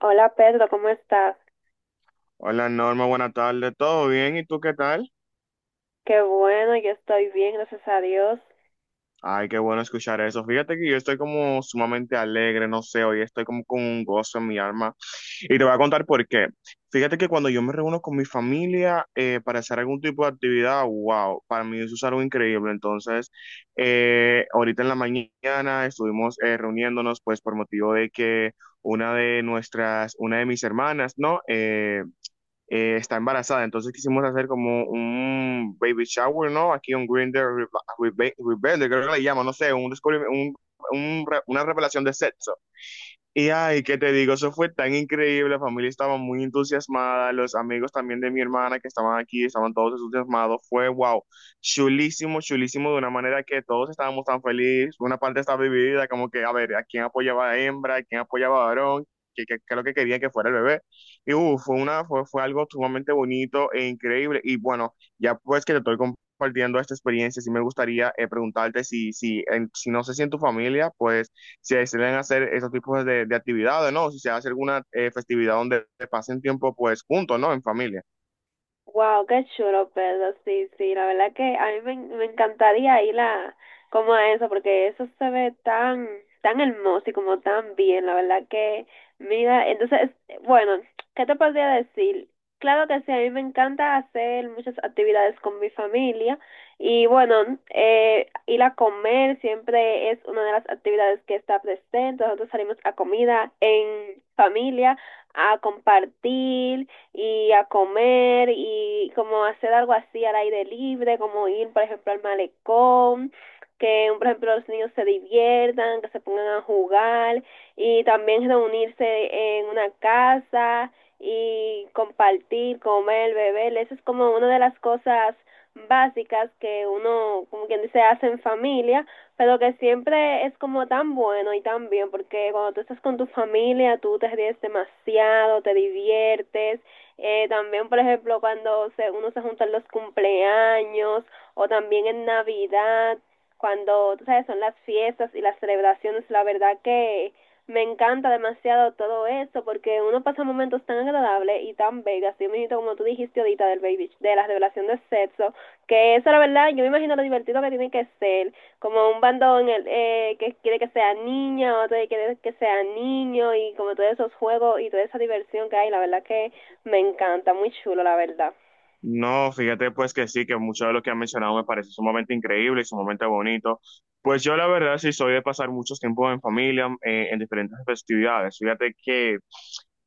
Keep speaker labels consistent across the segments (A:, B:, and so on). A: Hola Pedro, ¿cómo estás?
B: Hola Norma, buenas tardes, ¿todo bien? ¿Y tú qué tal?
A: Qué bueno, yo estoy bien, gracias a Dios.
B: Ay, qué bueno escuchar eso. Fíjate que yo estoy como sumamente alegre, no sé, hoy estoy como con un gozo en mi alma. Y te voy a contar por qué. Fíjate que cuando yo me reúno con mi familia para hacer algún tipo de actividad, wow, para mí eso es algo increíble. Entonces, ahorita en la mañana estuvimos reuniéndonos pues por motivo de que una de mis hermanas, ¿no? Está embarazada. Entonces quisimos hacer como un baby shower, ¿no? Aquí un Grinder Rebelde, creo que le llaman, no sé, un, descubrimiento- un re- una revelación de sexo. Y ay, ¿qué te digo? Eso fue tan increíble, la familia estaba muy entusiasmada, los amigos también de mi hermana que estaban aquí, estaban todos entusiasmados, fue wow, chulísimo, chulísimo, de una manera que todos estábamos tan felices, una parte estaba dividida, como que, a ver, ¿a quién apoyaba a hembra? ¿A quién apoyaba a varón? ¿ qué es lo que querían que fuera el bebé? Y fue algo sumamente bonito e increíble, y bueno, ya pues que te estoy compartiendo esta experiencia, sí me gustaría preguntarte si no sé si en tu familia, pues si deciden hacer esos tipos de actividades, ¿no? Si se hace alguna festividad donde pasen tiempo pues juntos, ¿no? En familia.
A: Wow, qué chulo, Pedro. Sí, sí, la verdad que a mí me encantaría ir a como a eso, porque eso se ve tan, tan hermoso y como tan bien, la verdad que, mira, entonces, bueno, ¿qué te podría decir? Claro que sí, a mí me encanta hacer muchas actividades con mi familia y bueno, ir a comer siempre es una de las actividades que está presente. Nosotros salimos a comida en familia, a compartir y a comer y como hacer algo así al aire libre, como ir, por ejemplo, al malecón, que, por ejemplo, los niños se diviertan, que se pongan a jugar y también reunirse en una casa y compartir, comer, beber. Eso es como una de las cosas básicas que uno, como quien dice, hace en familia, pero que siempre es como tan bueno y tan bien, porque cuando tú estás con tu familia, tú te ríes demasiado, te diviertes, también, por ejemplo, cuando uno se junta en los cumpleaños o también en Navidad, cuando, tú sabes, son las fiestas y las celebraciones, la verdad que me encanta demasiado todo eso porque uno pasa momentos tan agradables y tan bellos, así mismo como tú dijiste ahorita del baby, de la revelación de sexo, que eso la verdad, yo me imagino lo divertido que tiene que ser, como un bando en el, que quiere que sea niña, otro que quiere que sea niño y como todos esos juegos y toda esa diversión que hay, la verdad que me encanta, muy chulo, la verdad.
B: No, fíjate pues que sí, que mucho de lo que han mencionado me parece sumamente increíble y sumamente bonito. Pues yo la verdad sí soy de pasar muchos tiempos en familia, en diferentes festividades. Fíjate que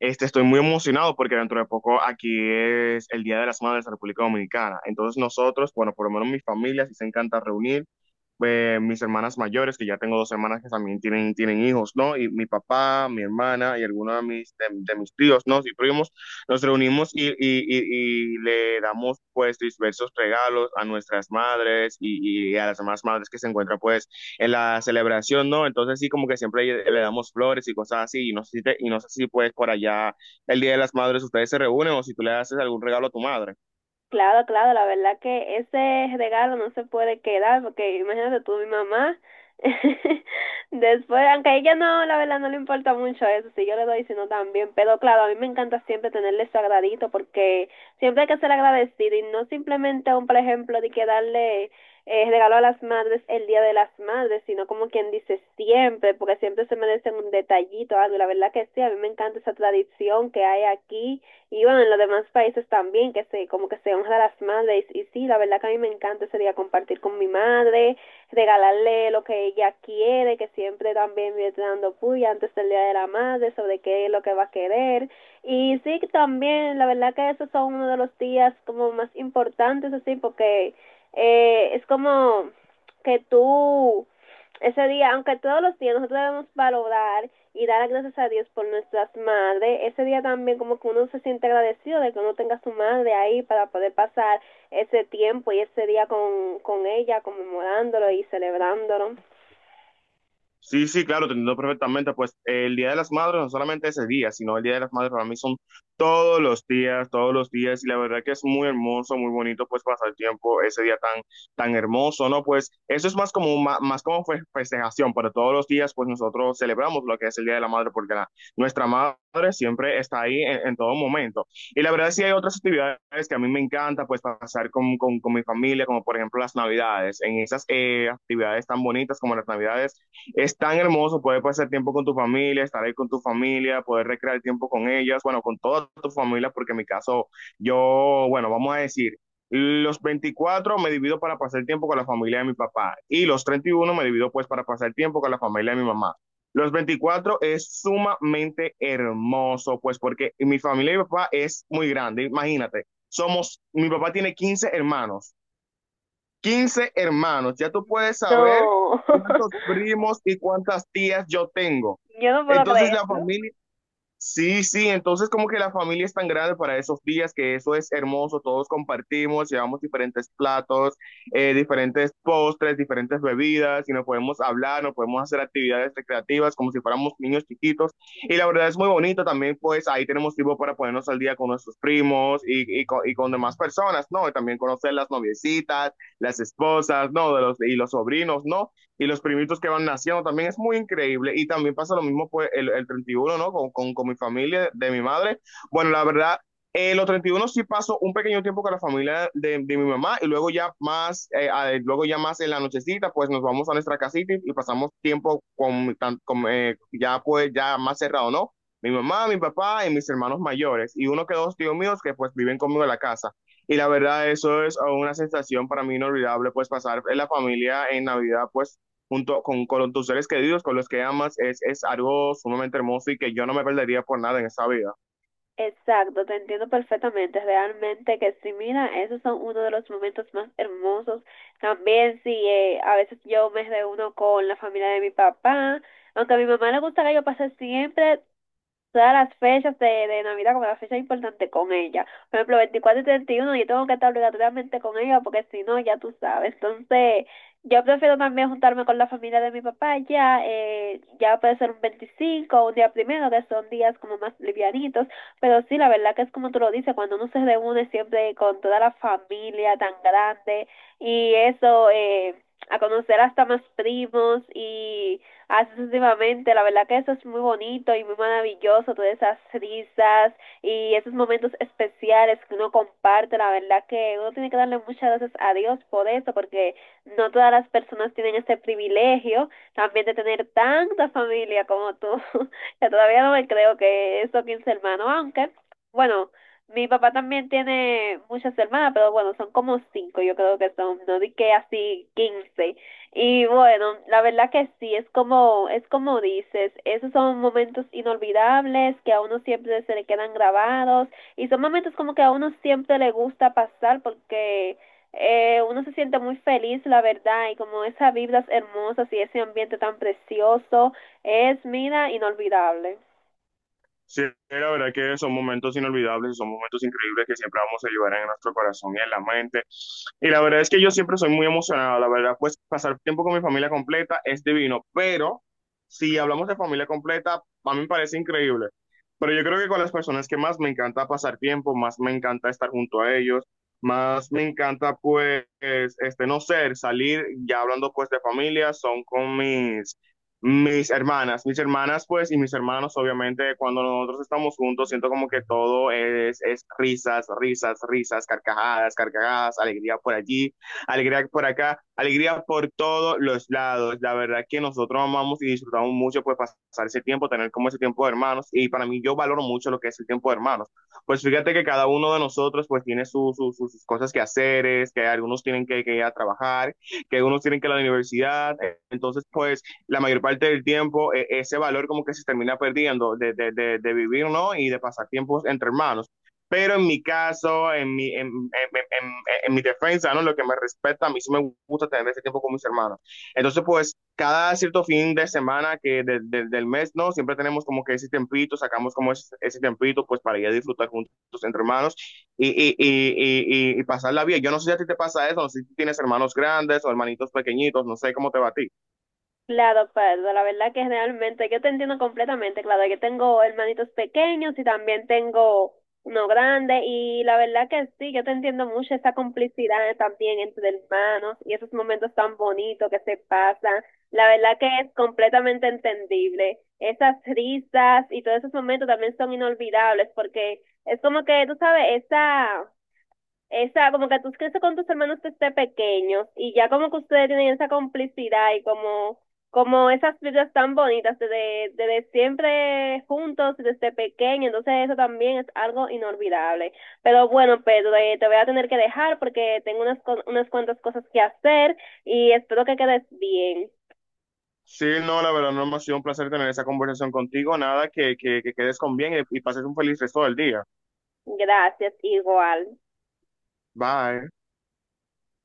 B: este, estoy muy emocionado porque dentro de poco aquí es el Día de las Madres de la República Dominicana. Entonces nosotros, bueno, por lo menos mi familia sí se encanta reunir, mis hermanas mayores, que ya tengo dos hermanas que también tienen hijos, ¿no? Y mi papá, mi hermana y algunos de de mis tíos, ¿no? Y primos. Nos reunimos y le damos pues diversos regalos a nuestras madres y a las demás madres que se encuentran pues en la celebración, ¿no? Entonces sí, como que siempre le damos flores y cosas así y no sé si pues por allá el Día de las Madres ustedes se reúnen o si tú le haces algún regalo a tu madre.
A: Claro, claro, la verdad que ese regalo no se puede quedar, porque imagínate tú, mi mamá, después, aunque a ella no, la verdad no le importa mucho eso, si yo le doy, si no también, pero claro, a mí me encanta siempre tenerle su agradito, porque siempre hay que ser agradecido y no simplemente un, por ejemplo, de que darle regalo a las madres el Día de las Madres, sino como quien dice siempre, porque siempre se merecen un detallito, algo, y la verdad que sí, a mí me encanta esa tradición que hay aquí y bueno, en los demás países también, que como que se honra a las madres, y sí, la verdad que a mí me encanta ese día compartir con mi madre, regalarle lo que ella quiere, que siempre también me está dando puya antes del día de la madre, sobre qué es lo que va a querer, y sí, también, la verdad que esos son uno de los días como más importantes, así, porque es como que tú ese día, aunque todos los días nosotros debemos valorar y dar gracias a Dios por nuestras madres, ese día también como que uno se siente agradecido de que uno tenga a su madre ahí para poder pasar ese tiempo y ese día con ella, conmemorándolo y celebrándolo.
B: Sí, sí, claro, te entiendo perfectamente. Pues el Día de las Madres no solamente ese día, sino el Día de las Madres para mí son todos los días, y la verdad que es muy hermoso, muy bonito, pues pasar tiempo ese día tan, tan hermoso, ¿no? Pues eso es más como, más, como festejación, pero todos los días, pues nosotros celebramos lo que es el Día de la Madre, porque nuestra madre siempre está ahí en todo momento. Y la verdad sí hay otras actividades que a mí me encanta, pues pasar con mi familia, como por ejemplo las Navidades, en esas actividades tan bonitas como las Navidades. Es tan hermoso poder pasar tiempo con tu familia, estar ahí con tu familia, poder recrear tiempo con ellas, bueno, con toda tu familia, porque en mi caso, yo, bueno, vamos a decir, los 24 me divido para pasar tiempo con la familia de mi papá y los 31 me divido pues para pasar tiempo con la familia de mi mamá. Los 24 es sumamente hermoso, pues porque mi familia y mi papá es muy grande, imagínate. Somos, mi papá tiene 15 hermanos, 15 hermanos. Ya tú puedes saber
A: No,
B: cuántos primos y cuántas tías yo tengo.
A: yo no puedo
B: Entonces la
A: creerlo.
B: familia. Sí, sí, entonces como que la familia es tan grande para esos días que eso es hermoso, todos compartimos, llevamos diferentes platos, diferentes postres, diferentes bebidas y nos podemos hablar, nos podemos hacer actividades recreativas como si fuéramos niños chiquitos y la verdad es muy bonito también pues ahí tenemos tiempo para ponernos al día con nuestros primos y con demás personas, ¿no? Y también conocer las noviecitas, las esposas, ¿no? De y los sobrinos, ¿no? Y los primitos que van naciendo también es muy increíble y también pasa lo mismo pues el 31, ¿no? Con mi familia, de mi madre. Bueno, la verdad, los 31 sí paso un pequeño tiempo con la familia de mi mamá y luego ya más, luego ya más en la nochecita, pues nos vamos a nuestra casita y pasamos tiempo con, ya pues ya más cerrado, ¿no? Mi mamá, mi papá y mis hermanos mayores y uno que dos tíos míos que pues viven conmigo en la casa. Y la verdad eso es una sensación para mí inolvidable, pues pasar en la familia en Navidad, pues junto con tus seres queridos, con los que amas, es algo sumamente hermoso y que yo no me perdería por nada en esta vida.
A: Exacto, te entiendo perfectamente, realmente que sí, mira, esos son uno de los momentos más hermosos. También sí, a veces yo me reúno con la familia de mi papá, aunque a mi mamá le gusta que yo pase siempre todas las fechas de Navidad, como las fechas importantes con ella. Por ejemplo, 24 y 31 yo tengo que estar obligatoriamente con ella porque si no, ya tú sabes. Entonces, yo prefiero también juntarme con la familia de mi papá ya, ya puede ser un 25 o un día primero, que son días como más livianitos, pero sí, la verdad que es como tú lo dices, cuando uno se reúne siempre con toda la familia tan grande y eso, a conocer hasta más primos y haces últimamente. La verdad que eso es muy bonito y muy maravilloso, todas esas risas y esos momentos especiales que uno comparte. La verdad que uno tiene que darle muchas gracias a Dios por eso, porque no todas las personas tienen este privilegio también de tener tanta familia como tú. que todavía no me creo que esos 15 hermanos, aunque, bueno. Mi papá también tiene muchas hermanas, pero bueno, son como cinco, yo creo que son, no di que así 15, y bueno, la verdad que sí, es como dices, esos son momentos inolvidables que a uno siempre se le quedan grabados y son momentos como que a uno siempre le gusta pasar porque uno se siente muy feliz, la verdad, y como esas vibras hermosas y ese ambiente tan precioso es, mira, inolvidable.
B: Sí, la verdad que son momentos inolvidables, son momentos increíbles que siempre vamos a llevar en nuestro corazón y en la mente. Y la verdad es que yo siempre soy muy emocionado, la verdad, pues pasar tiempo con mi familia completa es divino, pero si hablamos de familia completa, a mí me parece increíble. Pero yo creo que con las personas que más me encanta pasar tiempo, más me encanta estar junto a ellos, más me encanta pues, este, no ser, salir, ya hablando pues de familia, son con mis hermanas pues y mis hermanos obviamente cuando nosotros estamos juntos siento como que todo es risas, risas, risas, carcajadas, carcajadas, alegría por allí, alegría por acá, alegría por todos los lados. La verdad que nosotros amamos y disfrutamos mucho pues pasar ese tiempo, tener como ese tiempo de hermanos y para mí yo valoro mucho lo que es el tiempo de hermanos. Pues fíjate que cada uno de nosotros pues tiene sus cosas que hacer, es que algunos tienen que ir a trabajar, que algunos tienen que ir a la universidad, entonces pues la mayor parte del tiempo ese valor como que se termina perdiendo de vivir, ¿no? Y de pasar tiempos entre hermanos. Pero en mi caso, en mi defensa, ¿no? Lo que me respecta, a mí sí me gusta tener ese tiempo con mis hermanos. Entonces, pues, cada cierto fin de semana del mes, ¿no? Siempre tenemos como que ese tempito, sacamos como ese tempito, pues, para ir a disfrutar juntos entre hermanos y pasarla bien. Yo no sé si a ti te pasa eso, no sé si tienes hermanos grandes o hermanitos pequeñitos, no sé cómo te va a ti.
A: Claro, Pedro, la verdad que realmente yo te entiendo completamente, claro, yo tengo hermanitos pequeños y también tengo uno grande y la verdad que sí, yo te entiendo mucho esa complicidad también entre hermanos y esos momentos tan bonitos que se pasan, la verdad que es completamente entendible, esas risas y todos esos momentos también son inolvidables porque es como que, tú sabes, esa como que tú creces con tus hermanos desde pequeños y ya como que ustedes tienen esa complicidad y como, como esas vidas tan bonitas desde siempre juntos, desde pequeño, entonces eso también es algo inolvidable. Pero bueno, Pedro, te voy a tener que dejar porque tengo unas cuantas cosas que hacer y espero que quedes bien.
B: Sí, no, la verdad, no ha sido un placer tener esa conversación contigo. Nada, que quedes con bien y pases un feliz resto del día.
A: Gracias, igual.
B: Bye.